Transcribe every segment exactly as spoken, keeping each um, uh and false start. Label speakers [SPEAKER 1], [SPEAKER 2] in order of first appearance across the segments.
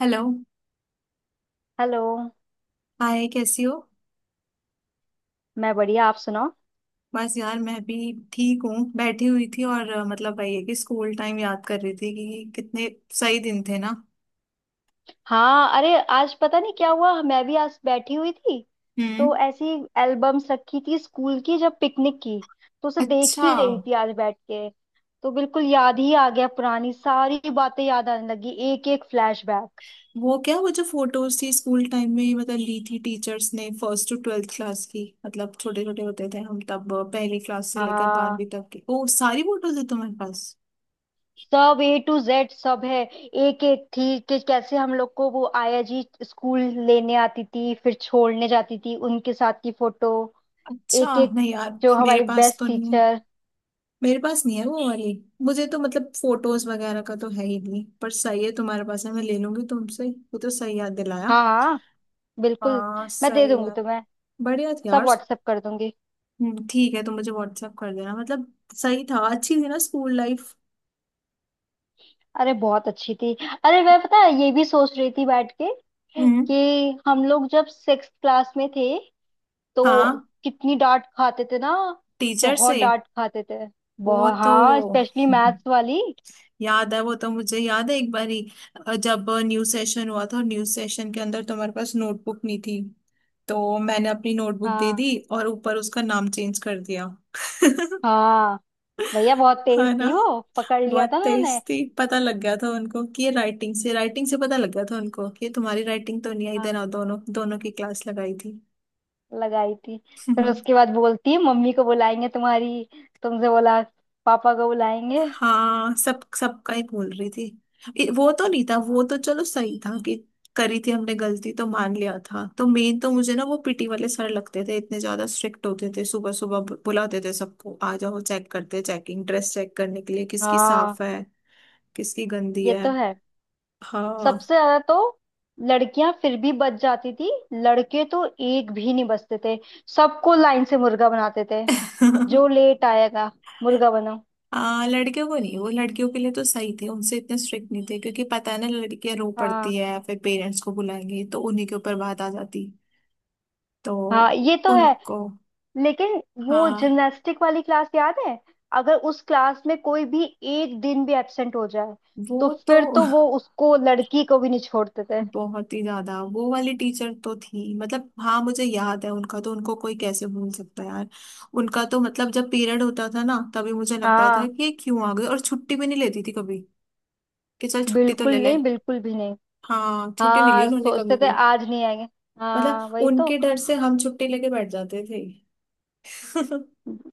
[SPEAKER 1] Hello.
[SPEAKER 2] Hello.
[SPEAKER 1] Hi, कैसी हो?
[SPEAKER 2] मैं बढ़िया, आप सुनाओ।
[SPEAKER 1] बस यार, मैं भी ठीक हूँ। बैठी हुई थी और अ, मतलब वही है कि स्कूल टाइम याद कर रही थी कि कितने सही दिन थे, ना।
[SPEAKER 2] हाँ, अरे आज पता नहीं क्या हुआ, मैं भी आज बैठी हुई थी तो
[SPEAKER 1] हम्म।
[SPEAKER 2] ऐसी एल्बम्स रखी थी स्कूल की, जब पिकनिक की तो उसे देख
[SPEAKER 1] अच्छा।
[SPEAKER 2] ही रही थी आज बैठ के। तो बिल्कुल याद ही आ गया, पुरानी सारी बातें याद आने लगी, एक एक फ्लैशबैक।
[SPEAKER 1] वो क्या, वो जो फोटोज थी स्कूल टाइम में मतलब ली थी टीचर्स ने फर्स्ट टू ट्वेल्थ क्लास की, मतलब छोटे छोटे होते थे हम तब। अ, पहली क्लास से लेकर
[SPEAKER 2] हाँ,
[SPEAKER 1] बारहवीं तक की ओ सारी फोटोज है तुम्हारे पास?
[SPEAKER 2] सब ए टू जेड सब है। एक एक थी कि कैसे हम लोग को वो आया जी स्कूल लेने आती थी, फिर छोड़ने जाती थी, उनके साथ की फोटो।
[SPEAKER 1] अच्छा,
[SPEAKER 2] एक एक,
[SPEAKER 1] नहीं यार,
[SPEAKER 2] जो
[SPEAKER 1] मेरे
[SPEAKER 2] हमारी
[SPEAKER 1] पास
[SPEAKER 2] बेस्ट
[SPEAKER 1] तो नहीं है।
[SPEAKER 2] टीचर।
[SPEAKER 1] मेरे पास नहीं है वो वाली। मुझे तो मतलब फोटोज वगैरह का तो है ही नहीं, पर सही है, तुम्हारे पास है, मैं ले लूंगी तुमसे। वो तो सही याद दिलाया।
[SPEAKER 2] हाँ हाँ, बिल्कुल।
[SPEAKER 1] हाँ,
[SPEAKER 2] मैं दे
[SPEAKER 1] सही
[SPEAKER 2] दूंगी
[SPEAKER 1] है।
[SPEAKER 2] तुम्हें,
[SPEAKER 1] बढ़िया थी
[SPEAKER 2] सब
[SPEAKER 1] यार।
[SPEAKER 2] व्हाट्सएप कर दूंगी।
[SPEAKER 1] हम्म, ठीक है, तुम मुझे व्हाट्सएप कर देना। मतलब सही था, अच्छी थी ना स्कूल लाइफ।
[SPEAKER 2] अरे बहुत अच्छी थी। अरे मैं, पता है, ये भी सोच रही थी बैठ के
[SPEAKER 1] हम्म।
[SPEAKER 2] कि हम लोग जब सिक्स क्लास में थे तो
[SPEAKER 1] हाँ।
[SPEAKER 2] कितनी डांट खाते थे ना।
[SPEAKER 1] टीचर
[SPEAKER 2] बहुत
[SPEAKER 1] से।
[SPEAKER 2] डांट खाते थे।
[SPEAKER 1] वो
[SPEAKER 2] बहुत,
[SPEAKER 1] तो।
[SPEAKER 2] हाँ, स्पेशली मैथ्स वाली।
[SPEAKER 1] याद है वो तो, मुझे याद है एक बारी अ, जब न्यू सेशन हुआ था, और न्यू सेशन के अंदर तुम्हारे पास नोटबुक नहीं थी, तो मैंने अपनी नोटबुक दे
[SPEAKER 2] हाँ
[SPEAKER 1] दी और ऊपर उसका नाम चेंज कर दिया।
[SPEAKER 2] हाँ, भैया बहुत तेज
[SPEAKER 1] हाँ ना।
[SPEAKER 2] थी, वो पकड़ लिया
[SPEAKER 1] बहुत
[SPEAKER 2] था ना
[SPEAKER 1] तेज
[SPEAKER 2] उन्होंने।
[SPEAKER 1] थी, पता लग गया था उनको कि ये राइटिंग से, राइटिंग से पता लग गया था उनको कि ये तुम्हारी राइटिंग तो नहीं। आई
[SPEAKER 2] हाँ
[SPEAKER 1] देना दोनों दोनों की क्लास लगाई थी।
[SPEAKER 2] लगाई थी। फिर उसके बाद बोलती है मम्मी को बुलाएंगे तुम्हारी, तुमसे बोला पापा को बुलाएंगे।
[SPEAKER 1] हाँ, सब सबका ही बोल रही थी। ए, वो तो नहीं था, वो
[SPEAKER 2] हाँ
[SPEAKER 1] तो चलो सही था कि करी थी हमने गलती, तो मान लिया था। तो मेन तो मुझे ना वो पीटी वाले सर लगते थे, इतने ज्यादा स्ट्रिक्ट होते थे, सुबह सुबह बु- बुलाते थे सबको, आ जाओ, चेक करते, चेकिंग ड्रेस चेक करने के लिए किसकी साफ
[SPEAKER 2] हाँ।
[SPEAKER 1] है, किसकी गंदी
[SPEAKER 2] ये
[SPEAKER 1] है।
[SPEAKER 2] तो है।
[SPEAKER 1] हाँ।
[SPEAKER 2] सबसे ज्यादा तो लड़कियां फिर भी बच जाती थी, लड़के तो एक भी नहीं बचते थे। सबको लाइन से मुर्गा बनाते थे, जो लेट आएगा मुर्गा बनो।
[SPEAKER 1] आ, लड़कियों को नहीं, वो लड़कियों के लिए तो सही थे, उनसे इतने स्ट्रिक्ट नहीं थे क्योंकि पता है ना लड़कियां रो
[SPEAKER 2] हाँ
[SPEAKER 1] पड़ती है, फिर पेरेंट्स को बुलाएंगी तो उन्हीं के ऊपर बात आ जाती। तो
[SPEAKER 2] हाँ, ये तो है।
[SPEAKER 1] उनको।
[SPEAKER 2] लेकिन वो
[SPEAKER 1] हाँ,
[SPEAKER 2] जिमनास्टिक वाली क्लास याद है, अगर उस क्लास में कोई भी एक दिन भी एब्सेंट हो जाए तो
[SPEAKER 1] वो तो।
[SPEAKER 2] फिर तो वो उसको, लड़की को भी नहीं छोड़ते थे।
[SPEAKER 1] बहुत ही ज्यादा वो वाली टीचर तो थी, मतलब हाँ, मुझे याद है उनका तो, उनको कोई कैसे भूल सकता है यार। उनका तो मतलब जब पीरियड होता था ना तभी मुझे लगता था
[SPEAKER 2] हाँ,
[SPEAKER 1] कि ये क्यों आ गए, और छुट्टी भी नहीं लेती थी कभी कि चल छुट्टी तो
[SPEAKER 2] बिल्कुल
[SPEAKER 1] ले ले।
[SPEAKER 2] नहीं, बिल्कुल भी नहीं।
[SPEAKER 1] हाँ, छुट्टी नहीं ली
[SPEAKER 2] हाँ
[SPEAKER 1] उन्होंने कभी
[SPEAKER 2] सोचते थे
[SPEAKER 1] भी।
[SPEAKER 2] आज नहीं आएंगे।
[SPEAKER 1] मतलब
[SPEAKER 2] हाँ वही
[SPEAKER 1] उनके डर से हम छुट्टी लेके बैठ जाते थे।
[SPEAKER 2] तो।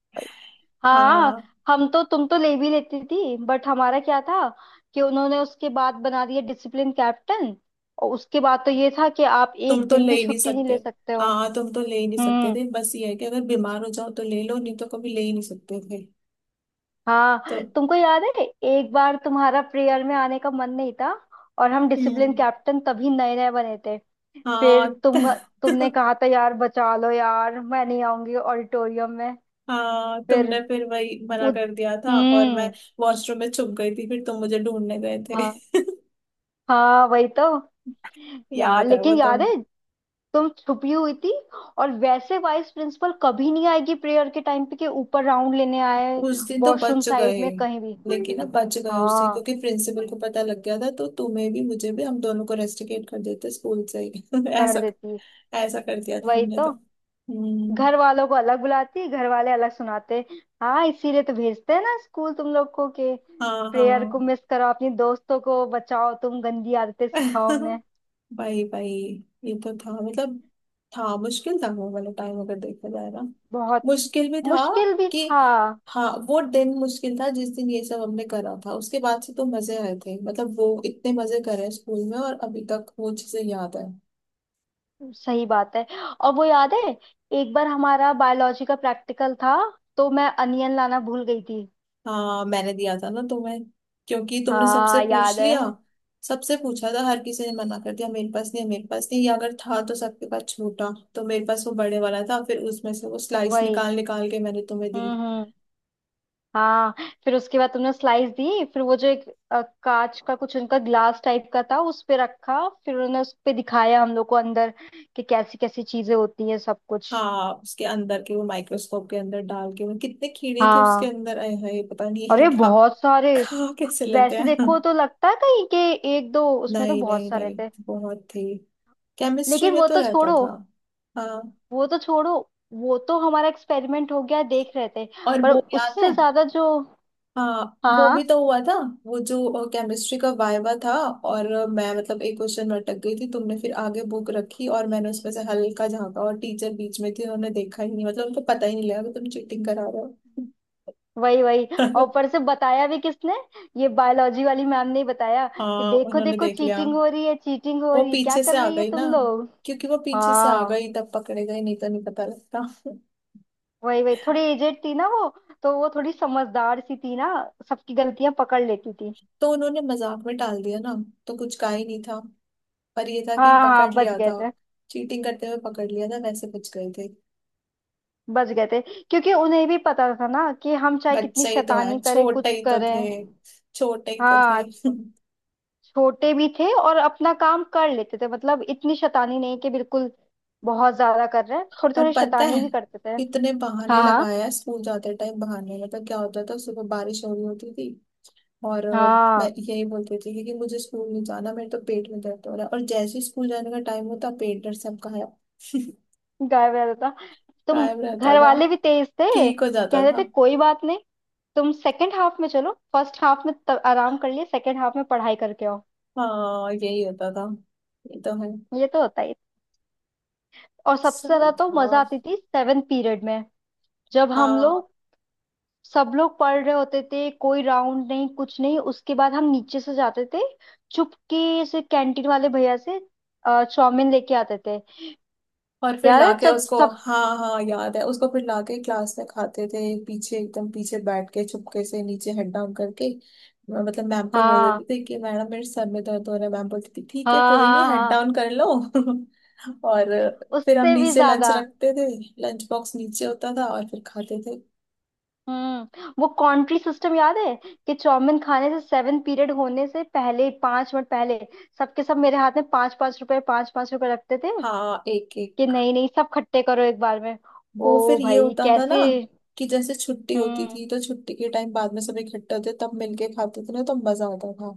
[SPEAKER 2] हाँ,
[SPEAKER 1] हाँ।
[SPEAKER 2] हम तो, तुम तो ले भी लेती थी, बट हमारा क्या था कि उन्होंने उसके बाद बना दिया डिसिप्लिन कैप्टन, और उसके बाद तो ये था कि आप
[SPEAKER 1] तुम
[SPEAKER 2] एक
[SPEAKER 1] तो
[SPEAKER 2] दिन
[SPEAKER 1] ले
[SPEAKER 2] भी
[SPEAKER 1] ही नहीं
[SPEAKER 2] छुट्टी नहीं
[SPEAKER 1] सकते।
[SPEAKER 2] ले सकते हो।
[SPEAKER 1] हाँ, तुम तो ले ही नहीं सकते
[SPEAKER 2] हम्म।
[SPEAKER 1] थे, बस ये है कि अगर बीमार हो जाओ तो ले लो, नहीं तो कभी ले ही नहीं सकते थे। तो।
[SPEAKER 2] हाँ तुमको याद है, एक बार तुम्हारा प्रेयर में आने का मन नहीं था और हम डिसिप्लिन
[SPEAKER 1] हम्म।
[SPEAKER 2] कैप्टन तभी नए नए बने थे। फिर
[SPEAKER 1] हाँ। त-
[SPEAKER 2] तुम, तुमने कहा था यार बचा लो यार, मैं नहीं आऊंगी ऑडिटोरियम में।
[SPEAKER 1] हाँ, तुमने
[SPEAKER 2] फिर
[SPEAKER 1] फिर वही मना
[SPEAKER 2] उद
[SPEAKER 1] कर दिया था और मैं
[SPEAKER 2] हम्म।
[SPEAKER 1] वॉशरूम में छुप गई थी, फिर तुम मुझे ढूंढने गए थे।
[SPEAKER 2] हाँ हाँ वही तो। यार
[SPEAKER 1] याद है वो
[SPEAKER 2] लेकिन
[SPEAKER 1] तो।
[SPEAKER 2] याद है, तुम छुपी हुई थी और वैसे वाइस प्रिंसिपल कभी नहीं आएगी प्रेयर के टाइम पे कि ऊपर राउंड लेने आए,
[SPEAKER 1] उस दिन तो
[SPEAKER 2] वॉशरूम
[SPEAKER 1] बच
[SPEAKER 2] साइड
[SPEAKER 1] गए।
[SPEAKER 2] में कहीं भी।
[SPEAKER 1] लेकिन अब बच गए उससे,
[SPEAKER 2] हाँ
[SPEAKER 1] क्योंकि प्रिंसिपल को पता लग गया था तो तुम्हें भी मुझे भी, हम दोनों को रेस्टिकेट कर देते स्कूल से ही।
[SPEAKER 2] कर
[SPEAKER 1] ऐसा
[SPEAKER 2] देती।
[SPEAKER 1] ऐसा कर दिया था
[SPEAKER 2] वही
[SPEAKER 1] हमने
[SPEAKER 2] तो,
[SPEAKER 1] तो। हम्म।
[SPEAKER 2] घर वालों को अलग बुलाती, घर वाले अलग सुनाते। हाँ इसीलिए तो भेजते हैं ना स्कूल तुम लोग को कि
[SPEAKER 1] हाँ
[SPEAKER 2] प्रेयर
[SPEAKER 1] हाँ।
[SPEAKER 2] को मिस करो, अपनी दोस्तों को बचाओ, तुम गंदी आदतें सिखाओ उन्हें।
[SPEAKER 1] भाई भाई। ये तो था, मतलब था, मुश्किल था वो वाला टाइम अगर देखा जाए ना।
[SPEAKER 2] बहुत
[SPEAKER 1] मुश्किल भी था
[SPEAKER 2] मुश्किल भी
[SPEAKER 1] कि
[SPEAKER 2] था।
[SPEAKER 1] हाँ, वो दिन मुश्किल था जिस दिन ये सब हमने करा था। उसके बाद से तो मजे आए थे, मतलब वो इतने मजे करे स्कूल में, और अभी तक वो चीजें याद है।
[SPEAKER 2] सही बात है। और वो याद है, एक बार हमारा बायोलॉजी का प्रैक्टिकल था तो मैं अनियन लाना भूल गई थी।
[SPEAKER 1] हाँ मैंने दिया था ना तुम्हें, क्योंकि तुमने सबसे
[SPEAKER 2] हाँ
[SPEAKER 1] पूछ
[SPEAKER 2] याद
[SPEAKER 1] लिया।
[SPEAKER 2] है
[SPEAKER 1] सबसे पूछा था, हर किसी ने मना कर दिया मेरे पास नहीं है, मेरे पास नहीं, ये अगर था तो सबके पास छूटा। तो मेरे पास वो बड़े वाला था, फिर उसमें से वो स्लाइस
[SPEAKER 2] वही।
[SPEAKER 1] निकाल निकाल के मैंने तुम्हें दी।
[SPEAKER 2] हम्म हम्म, हाँ। फिर उसके बाद तुमने स्लाइस दी, फिर वो जो एक अ, कांच का कुछ, उनका ग्लास टाइप का था, उस पे रखा, फिर उन्होंने उस पे दिखाया हम लोग को अंदर कि कैसी कैसी चीजें होती हैं सब कुछ।
[SPEAKER 1] हाँ उसके अंदर के वो माइक्रोस्कोप के अंदर डाल के वो कितने कीड़े थे उसके
[SPEAKER 2] हाँ,
[SPEAKER 1] अंदर आए, हाय पता नहीं ये
[SPEAKER 2] अरे
[SPEAKER 1] क्या,
[SPEAKER 2] बहुत सारे।
[SPEAKER 1] खा कैसे लेते
[SPEAKER 2] वैसे
[SPEAKER 1] हैं।
[SPEAKER 2] देखो तो लगता है कहीं के एक दो, उसमें तो
[SPEAKER 1] नहीं
[SPEAKER 2] बहुत
[SPEAKER 1] नहीं
[SPEAKER 2] सारे
[SPEAKER 1] नहीं,
[SPEAKER 2] थे।
[SPEAKER 1] बहुत थी। केमिस्ट्री
[SPEAKER 2] लेकिन
[SPEAKER 1] में
[SPEAKER 2] वो
[SPEAKER 1] तो
[SPEAKER 2] तो
[SPEAKER 1] रहता
[SPEAKER 2] छोड़ो,
[SPEAKER 1] था। हाँ।
[SPEAKER 2] वो तो छोड़ो, वो तो हमारा एक्सपेरिमेंट हो गया देख रहे थे।
[SPEAKER 1] और
[SPEAKER 2] पर
[SPEAKER 1] वो याद है,
[SPEAKER 2] उससे ज्यादा जो,
[SPEAKER 1] हाँ
[SPEAKER 2] हाँ
[SPEAKER 1] वो भी
[SPEAKER 2] हाँ,
[SPEAKER 1] तो हुआ था। वो जो केमिस्ट्री का वाइवा था, और अ, मैं मतलब एक क्वेश्चन में अटक गई थी, तुमने फिर आगे बुक रखी और मैंने उसमें से हल्का झाँका, और टीचर बीच में थी, उन्होंने देखा ही नहीं, मतलब उनको पता ही नहीं लगा कि तुम चीटिंग करा रहे हो।
[SPEAKER 2] वही वही। और ऊपर से बताया भी किसने, ये बायोलॉजी वाली मैम ने ही बताया कि
[SPEAKER 1] हाँ
[SPEAKER 2] देखो
[SPEAKER 1] उन्होंने
[SPEAKER 2] देखो
[SPEAKER 1] देख लिया।
[SPEAKER 2] चीटिंग हो रही है, चीटिंग हो
[SPEAKER 1] वो
[SPEAKER 2] रही है, क्या
[SPEAKER 1] पीछे से
[SPEAKER 2] कर
[SPEAKER 1] आ
[SPEAKER 2] रही है
[SPEAKER 1] गई ना,
[SPEAKER 2] तुम लोग।
[SPEAKER 1] क्योंकि वो पीछे से आ
[SPEAKER 2] हाँ
[SPEAKER 1] गई तब पकड़े गए, नहीं तो नहीं पता लगता।
[SPEAKER 2] वही वही, थोड़ी एजेड थी ना वो, तो वो थोड़ी समझदार सी थी ना, सबकी गलतियां पकड़ लेती थी।
[SPEAKER 1] तो उन्होंने मजाक में टाल दिया ना, तो कुछ का ही नहीं था, पर ये था कि
[SPEAKER 2] हाँ
[SPEAKER 1] पकड़
[SPEAKER 2] हाँ बच
[SPEAKER 1] लिया
[SPEAKER 2] गए
[SPEAKER 1] था।
[SPEAKER 2] थे।
[SPEAKER 1] चीटिंग करते हुए पकड़ लिया था, वैसे बच गए थे।
[SPEAKER 2] बच गए थे, क्योंकि उन्हें भी पता था ना कि हम चाहे कितनी
[SPEAKER 1] बच्चे ही तो
[SPEAKER 2] शैतानी
[SPEAKER 1] है,
[SPEAKER 2] करें
[SPEAKER 1] छोटे
[SPEAKER 2] कुछ
[SPEAKER 1] ही तो थे।
[SPEAKER 2] करें।
[SPEAKER 1] छोटे ही तो थे।
[SPEAKER 2] हाँ, छोटे भी थे और अपना काम कर लेते थे, मतलब इतनी शैतानी नहीं कि बिल्कुल बहुत ज्यादा कर रहे हैं, थोड़ी
[SPEAKER 1] और
[SPEAKER 2] थोड़ी
[SPEAKER 1] पता
[SPEAKER 2] शैतानी
[SPEAKER 1] है,
[SPEAKER 2] भी करते थे।
[SPEAKER 1] इतने बहाने
[SPEAKER 2] हाँ हाँ
[SPEAKER 1] लगाया है स्कूल जाते टाइम, बहाने मतलब क्या होता था, सुबह बारिश हो रही होती थी और अ, मैं
[SPEAKER 2] हाँ
[SPEAKER 1] यही बोलती थी कि मुझे स्कूल नहीं जाना, मेरे तो पेट में दर्द हो रहा है, और जैसे ही स्कूल जाने का टाइम होता पेट दर्द सब गायब।
[SPEAKER 2] गायब रहता था। तुम,
[SPEAKER 1] गायब रहता
[SPEAKER 2] घर
[SPEAKER 1] था।
[SPEAKER 2] वाले भी तेज थे,
[SPEAKER 1] ठीक हो जाता
[SPEAKER 2] कहते थे
[SPEAKER 1] था।
[SPEAKER 2] कोई बात नहीं, तुम सेकंड हाफ में चलो, फर्स्ट हाफ में तब आराम कर लिए, सेकंड हाफ में पढ़ाई करके आओ।
[SPEAKER 1] हाँ, यही होता था। ये तो है।
[SPEAKER 2] ये तो होता ही था। और सबसे
[SPEAKER 1] सही
[SPEAKER 2] ज्यादा तो मजा
[SPEAKER 1] था।
[SPEAKER 2] आती थी सेवन पीरियड में, जब हम
[SPEAKER 1] हाँ
[SPEAKER 2] लोग सब लोग पढ़ रहे होते थे, कोई राउंड नहीं कुछ नहीं, उसके बाद हम नीचे से जाते थे, चुपके से कैंटीन वाले भैया से अ, चाउमीन लेके आते थे।
[SPEAKER 1] और फिर
[SPEAKER 2] याद है
[SPEAKER 1] लाके
[SPEAKER 2] जब
[SPEAKER 1] उसको,
[SPEAKER 2] सब,
[SPEAKER 1] हाँ हाँ, याद है उसको, फिर लाके क्लास में खाते थे, पीछे एकदम पीछे बैठ के चुपके से नीचे हेड डाउन करके। मतलब मैम को बोल
[SPEAKER 2] हाँ
[SPEAKER 1] देते थे कि मैडम मेरे सर में दर्द हो रहा है, मैम बोलती थी ठीक है
[SPEAKER 2] हाँ
[SPEAKER 1] कोई नहीं
[SPEAKER 2] हाँ
[SPEAKER 1] हेड
[SPEAKER 2] हाँ,
[SPEAKER 1] डाउन कर लो। और फिर हम
[SPEAKER 2] उससे भी
[SPEAKER 1] नीचे लंच
[SPEAKER 2] ज्यादा
[SPEAKER 1] रखते थे, लंच बॉक्स नीचे होता था और फिर खाते थे।
[SPEAKER 2] हम्म वो कॉन्ट्री सिस्टम याद है कि चाउमीन खाने से सेवन पीरियड होने से पहले पांच मिनट पहले, सबके सब मेरे हाथ में पांच पांच रुपए, पांच पांच रुपए रखते थे
[SPEAKER 1] हाँ एक
[SPEAKER 2] कि
[SPEAKER 1] एक।
[SPEAKER 2] नहीं नहीं सब खट्टे करो एक बार में।
[SPEAKER 1] वो
[SPEAKER 2] ओ
[SPEAKER 1] फिर ये
[SPEAKER 2] भाई
[SPEAKER 1] होता था ना
[SPEAKER 2] कैसे।
[SPEAKER 1] कि जैसे छुट्टी होती
[SPEAKER 2] हम्म,
[SPEAKER 1] थी तो छुट्टी के टाइम बाद में सब इकट्ठे होते तब मिलके खाते थे ना, तो मजा आता।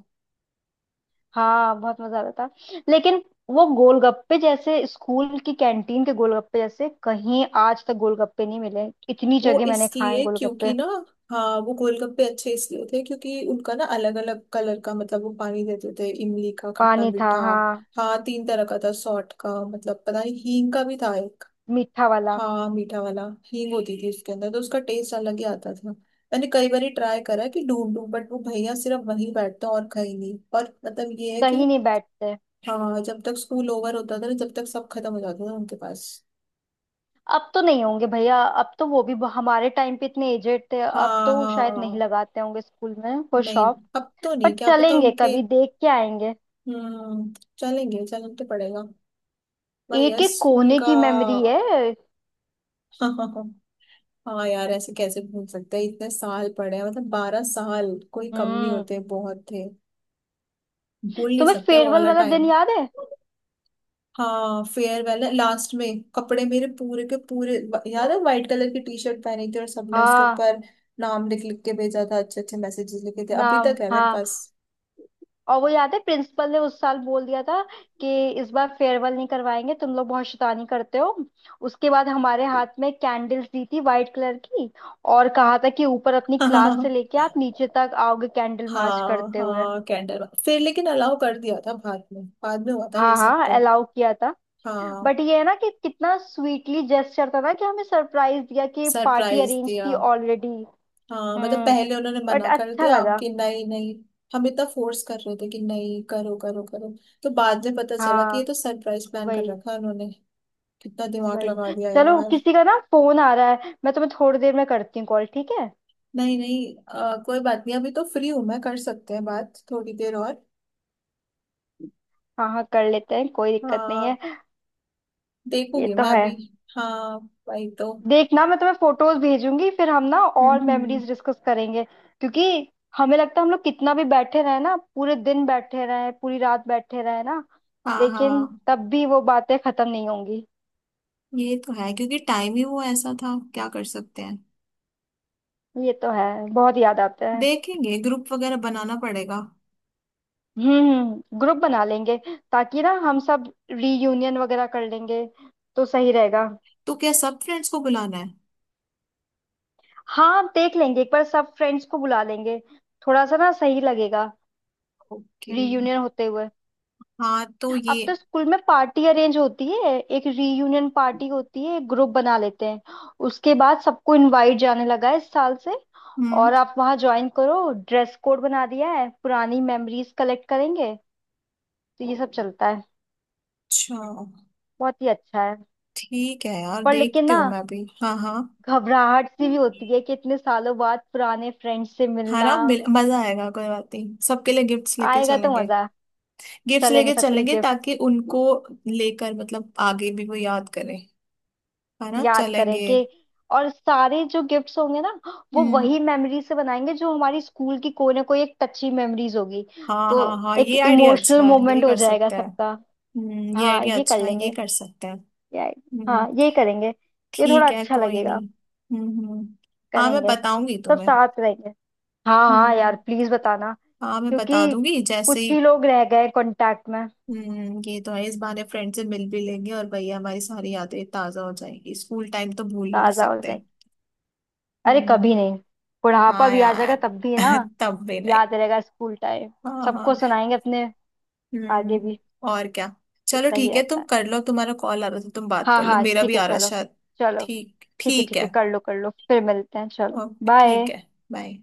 [SPEAKER 2] हाँ बहुत मजा आता था, लेकिन वो गोलगप्पे जैसे, स्कूल की कैंटीन के गोलगप्पे जैसे, कहीं आज तक गोलगप्पे नहीं मिले, इतनी
[SPEAKER 1] वो
[SPEAKER 2] जगह मैंने खाए
[SPEAKER 1] इसलिए क्योंकि
[SPEAKER 2] गोलगप्पे।
[SPEAKER 1] ना, हाँ वो गोलगप्पे अच्छे इसलिए होते हैं क्योंकि उनका ना अलग अलग कलर का मतलब वो पानी देते थे, इमली का खट्टा
[SPEAKER 2] पानी था
[SPEAKER 1] मीठा।
[SPEAKER 2] हाँ,
[SPEAKER 1] हाँ तीन तरह का था, सॉल्ट का, मतलब पता नहीं हींग का भी था एक।
[SPEAKER 2] मीठा वाला।
[SPEAKER 1] हाँ मीठा वाला। हींग होती थी उसके अंदर, तो उसका टेस्ट अलग ही आता था। मैंने कई बार ट्राई करा है कि ढूंढूं, बट वो भैया सिर्फ वहीं बैठते हैं और कहीं नहीं, और मतलब ये है कि
[SPEAKER 2] कहीं नहीं बैठते।
[SPEAKER 1] हाँ जब तक स्कूल ओवर होता था ना, जब तक सब खत्म हो जाता था उनके पास।
[SPEAKER 2] अब तो नहीं होंगे भैया, अब तो वो भी ब- हमारे टाइम पे इतने एजेड थे, अब
[SPEAKER 1] हाँ
[SPEAKER 2] तो
[SPEAKER 1] हाँ
[SPEAKER 2] शायद
[SPEAKER 1] हाँ।
[SPEAKER 2] नहीं लगाते होंगे स्कूल में वो
[SPEAKER 1] नहीं,
[SPEAKER 2] शॉप।
[SPEAKER 1] अब तो
[SPEAKER 2] पर
[SPEAKER 1] नहीं, क्या पता
[SPEAKER 2] चलेंगे
[SPEAKER 1] उनके।
[SPEAKER 2] कभी देख के आएंगे।
[SPEAKER 1] हम्म। चलेंगे, चलना तो पड़ेगा। भाई यार
[SPEAKER 2] एक एक
[SPEAKER 1] स्कूल
[SPEAKER 2] कोने
[SPEAKER 1] का।
[SPEAKER 2] की मेमोरी है।
[SPEAKER 1] हाँ यार, ऐसे कैसे भूल सकते हैं, इतने साल पढ़े हैं, मतलब बारह साल कोई कम नहीं
[SPEAKER 2] हम्म,
[SPEAKER 1] होते, बहुत थे। भूल नहीं
[SPEAKER 2] तुम्हें
[SPEAKER 1] सकते वो
[SPEAKER 2] फेयरवेल
[SPEAKER 1] वाला
[SPEAKER 2] वाला दिन
[SPEAKER 1] टाइम।
[SPEAKER 2] याद है।
[SPEAKER 1] हाँ फेयरवेल है, लास्ट में कपड़े मेरे पूरे के पूरे, याद है वाइट कलर की टी शर्ट पहनी थी और सबने उसके
[SPEAKER 2] हाँ,
[SPEAKER 1] ऊपर नाम लिख लिख के भेजा था, अच्छे अच्छे मैसेजेस लिखे थे, अभी
[SPEAKER 2] नाम
[SPEAKER 1] तक है मेरे
[SPEAKER 2] हाँ।
[SPEAKER 1] पास।
[SPEAKER 2] और वो याद है, प्रिंसिपल ने उस साल बोल दिया था कि इस बार फेयरवेल नहीं करवाएंगे, तुम लोग बहुत शैतानी करते हो। उसके बाद हमारे हाथ में कैंडल्स दी थी वाइट कलर की और कहा था कि ऊपर अपनी क्लास से लेके आप नीचे तक आओगे कैंडल मार्च
[SPEAKER 1] हाँ
[SPEAKER 2] करते हुए।
[SPEAKER 1] हाँ कैंडल, फिर लेकिन अलाउ कर दिया था बाद में, बाद में हुआ था ये
[SPEAKER 2] हाँ
[SPEAKER 1] सब
[SPEAKER 2] हाँ
[SPEAKER 1] तो।
[SPEAKER 2] अलाउ किया था।
[SPEAKER 1] हाँ
[SPEAKER 2] बट ये है ना कि कितना स्वीटली जेस्चर था ना, कि हमें सरप्राइज दिया कि पार्टी
[SPEAKER 1] सरप्राइज
[SPEAKER 2] अरेंज
[SPEAKER 1] दिया।
[SPEAKER 2] थी ऑलरेडी।
[SPEAKER 1] हाँ मतलब
[SPEAKER 2] हम्म,
[SPEAKER 1] पहले उन्होंने
[SPEAKER 2] बट
[SPEAKER 1] मना कर
[SPEAKER 2] अच्छा
[SPEAKER 1] दिया
[SPEAKER 2] लगा।
[SPEAKER 1] कि नहीं नहीं, हम इतना फोर्स कर रहे थे कि नहीं करो करो करो, तो बाद में पता चला कि ये
[SPEAKER 2] हाँ
[SPEAKER 1] तो सरप्राइज प्लान कर
[SPEAKER 2] वही
[SPEAKER 1] रखा है उन्होंने। कितना दिमाग लगा
[SPEAKER 2] वही।
[SPEAKER 1] दिया
[SPEAKER 2] चलो,
[SPEAKER 1] यार।
[SPEAKER 2] किसी का ना फोन आ रहा है, मैं तुम्हें थोड़ी देर में करती हूँ कॉल, ठीक है।
[SPEAKER 1] नहीं नहीं, अ, कोई बात नहीं, अभी तो फ्री हूँ मैं, कर सकते हैं बात थोड़ी देर और।
[SPEAKER 2] हाँ हाँ कर लेते हैं, कोई दिक्कत नहीं
[SPEAKER 1] हाँ।
[SPEAKER 2] है। ये
[SPEAKER 1] देखूंगी
[SPEAKER 2] तो
[SPEAKER 1] मैं
[SPEAKER 2] है।
[SPEAKER 1] अभी। हाँ वही तो।
[SPEAKER 2] देखना मैं तुम्हें फोटोज भेजूंगी, फिर हम ना
[SPEAKER 1] हम्म
[SPEAKER 2] और
[SPEAKER 1] हम्म,
[SPEAKER 2] मेमोरीज डिस्कस करेंगे, क्योंकि हमें लगता है हम लोग कितना भी बैठे रहे ना, पूरे दिन बैठे रहे, पूरी रात बैठे रहे ना,
[SPEAKER 1] हाँ
[SPEAKER 2] लेकिन
[SPEAKER 1] हाँ।
[SPEAKER 2] तब भी वो बातें खत्म नहीं होंगी।
[SPEAKER 1] ये तो है, क्योंकि टाइम ही वो ऐसा था, क्या कर सकते हैं।
[SPEAKER 2] ये तो है। बहुत याद आता है।
[SPEAKER 1] देखेंगे, ग्रुप वगैरह बनाना पड़ेगा।
[SPEAKER 2] हम्म हम्म, ग्रुप बना लेंगे ताकि ना हम सब रीयूनियन वगैरह कर लेंगे, तो सही रहेगा।
[SPEAKER 1] तो क्या सब फ्रेंड्स को बुलाना है?
[SPEAKER 2] हाँ देख लेंगे, एक बार सब फ्रेंड्स को बुला लेंगे, थोड़ा सा ना सही लगेगा
[SPEAKER 1] ओके।
[SPEAKER 2] रीयूनियन होते हुए।
[SPEAKER 1] हाँ तो ये।
[SPEAKER 2] अब तो स्कूल में पार्टी अरेंज होती है, एक रीयूनियन पार्टी होती है, ग्रुप बना लेते हैं, उसके बाद सबको इनवाइट जाने लगा है इस साल से,
[SPEAKER 1] हम्म।
[SPEAKER 2] और आप वहाँ ज्वाइन करो, ड्रेस कोड बना दिया है, पुरानी मेमोरीज कलेक्ट करेंगे, तो ये सब चलता है।
[SPEAKER 1] अच्छा।
[SPEAKER 2] बहुत ही अच्छा है।
[SPEAKER 1] ठीक है यार,
[SPEAKER 2] पर लेकिन
[SPEAKER 1] देखती
[SPEAKER 2] ना
[SPEAKER 1] हूँ मैं भी, हाँ हाँ।
[SPEAKER 2] घबराहट सी भी होती है कि इतने सालों बाद पुराने फ्रेंड्स से
[SPEAKER 1] हाँ
[SPEAKER 2] मिलना।
[SPEAKER 1] ना, मिल- मजा आएगा, कोई बात नहीं, सबके लिए गिफ्ट्स लेके
[SPEAKER 2] आएगा तो
[SPEAKER 1] चलेंगे।
[SPEAKER 2] मजा।
[SPEAKER 1] गिफ्ट्स
[SPEAKER 2] चलेंगे
[SPEAKER 1] लेके
[SPEAKER 2] सबके लिए।
[SPEAKER 1] चलेंगे ताकि उनको लेकर मतलब आगे भी वो याद करें, है ना,
[SPEAKER 2] याद करें
[SPEAKER 1] चलेंगे।
[SPEAKER 2] कि, और सारे जो गिफ्ट्स होंगे ना, वो
[SPEAKER 1] हम्म।
[SPEAKER 2] वही मेमोरी से बनाएंगे, जो हमारी स्कूल की कोई ना कोई एक टची मेमोरीज होगी,
[SPEAKER 1] हाँ
[SPEAKER 2] तो
[SPEAKER 1] हाँ हाँ, ये
[SPEAKER 2] एक
[SPEAKER 1] आइडिया
[SPEAKER 2] इमोशनल
[SPEAKER 1] अच्छा है, यही
[SPEAKER 2] मोमेंट हो
[SPEAKER 1] कर
[SPEAKER 2] जाएगा
[SPEAKER 1] सकते हैं।
[SPEAKER 2] सबका।
[SPEAKER 1] हम्म, ये
[SPEAKER 2] हाँ
[SPEAKER 1] आइडिया
[SPEAKER 2] ये कर
[SPEAKER 1] अच्छा है, ये
[SPEAKER 2] लेंगे।
[SPEAKER 1] कर सकते हैं।
[SPEAKER 2] या,
[SPEAKER 1] हम्म।
[SPEAKER 2] हाँ ये करेंगे। ये थोड़ा
[SPEAKER 1] ठीक है,
[SPEAKER 2] अच्छा
[SPEAKER 1] कोई
[SPEAKER 2] लगेगा।
[SPEAKER 1] नहीं। हम्म हम्म। हाँ मैं
[SPEAKER 2] करेंगे।
[SPEAKER 1] बताऊंगी
[SPEAKER 2] सब
[SPEAKER 1] तुम्हें।
[SPEAKER 2] साथ रहेंगे। हाँ हाँ
[SPEAKER 1] हम्म।
[SPEAKER 2] यार प्लीज बताना,
[SPEAKER 1] हाँ मैं बता
[SPEAKER 2] क्योंकि
[SPEAKER 1] दूंगी जैसे
[SPEAKER 2] कुछ
[SPEAKER 1] ही।
[SPEAKER 2] ही लोग रह गए कांटेक्ट में।
[SPEAKER 1] हम्म ये तो है, इस बहाने फ्रेंड से मिल भी लेंगे, और भैया हमारी सारी यादें ताजा हो जाएंगी, स्कूल टाइम तो भूल ही नहीं
[SPEAKER 2] ताजा हो
[SPEAKER 1] सकते।
[SPEAKER 2] जाएंगे। अरे कभी
[SPEAKER 1] हम्म।
[SPEAKER 2] नहीं, बुढ़ापा
[SPEAKER 1] हाँ
[SPEAKER 2] भी आ जाएगा
[SPEAKER 1] यार।
[SPEAKER 2] तब भी ना
[SPEAKER 1] तब भी नहीं।
[SPEAKER 2] याद रहेगा स्कूल टाइम,
[SPEAKER 1] हाँ
[SPEAKER 2] सबको
[SPEAKER 1] हाँ।
[SPEAKER 2] सुनाएंगे अपने आगे
[SPEAKER 1] हम्म।
[SPEAKER 2] भी।
[SPEAKER 1] और क्या। चलो
[SPEAKER 2] सही
[SPEAKER 1] ठीक है,
[SPEAKER 2] रहता
[SPEAKER 1] तुम
[SPEAKER 2] है।
[SPEAKER 1] कर लो, तुम्हारा कॉल आ रहा था, तुम बात
[SPEAKER 2] हाँ
[SPEAKER 1] कर लो,
[SPEAKER 2] हाँ
[SPEAKER 1] मेरा भी
[SPEAKER 2] ठीक है
[SPEAKER 1] आ रहा है
[SPEAKER 2] चलो।
[SPEAKER 1] शायद।
[SPEAKER 2] चलो
[SPEAKER 1] ठीक,
[SPEAKER 2] ठीक है,
[SPEAKER 1] ठीक
[SPEAKER 2] ठीक
[SPEAKER 1] है।
[SPEAKER 2] है कर लो कर लो, फिर मिलते हैं, चलो।
[SPEAKER 1] ओके ठीक
[SPEAKER 2] बाय।
[SPEAKER 1] है, बाय।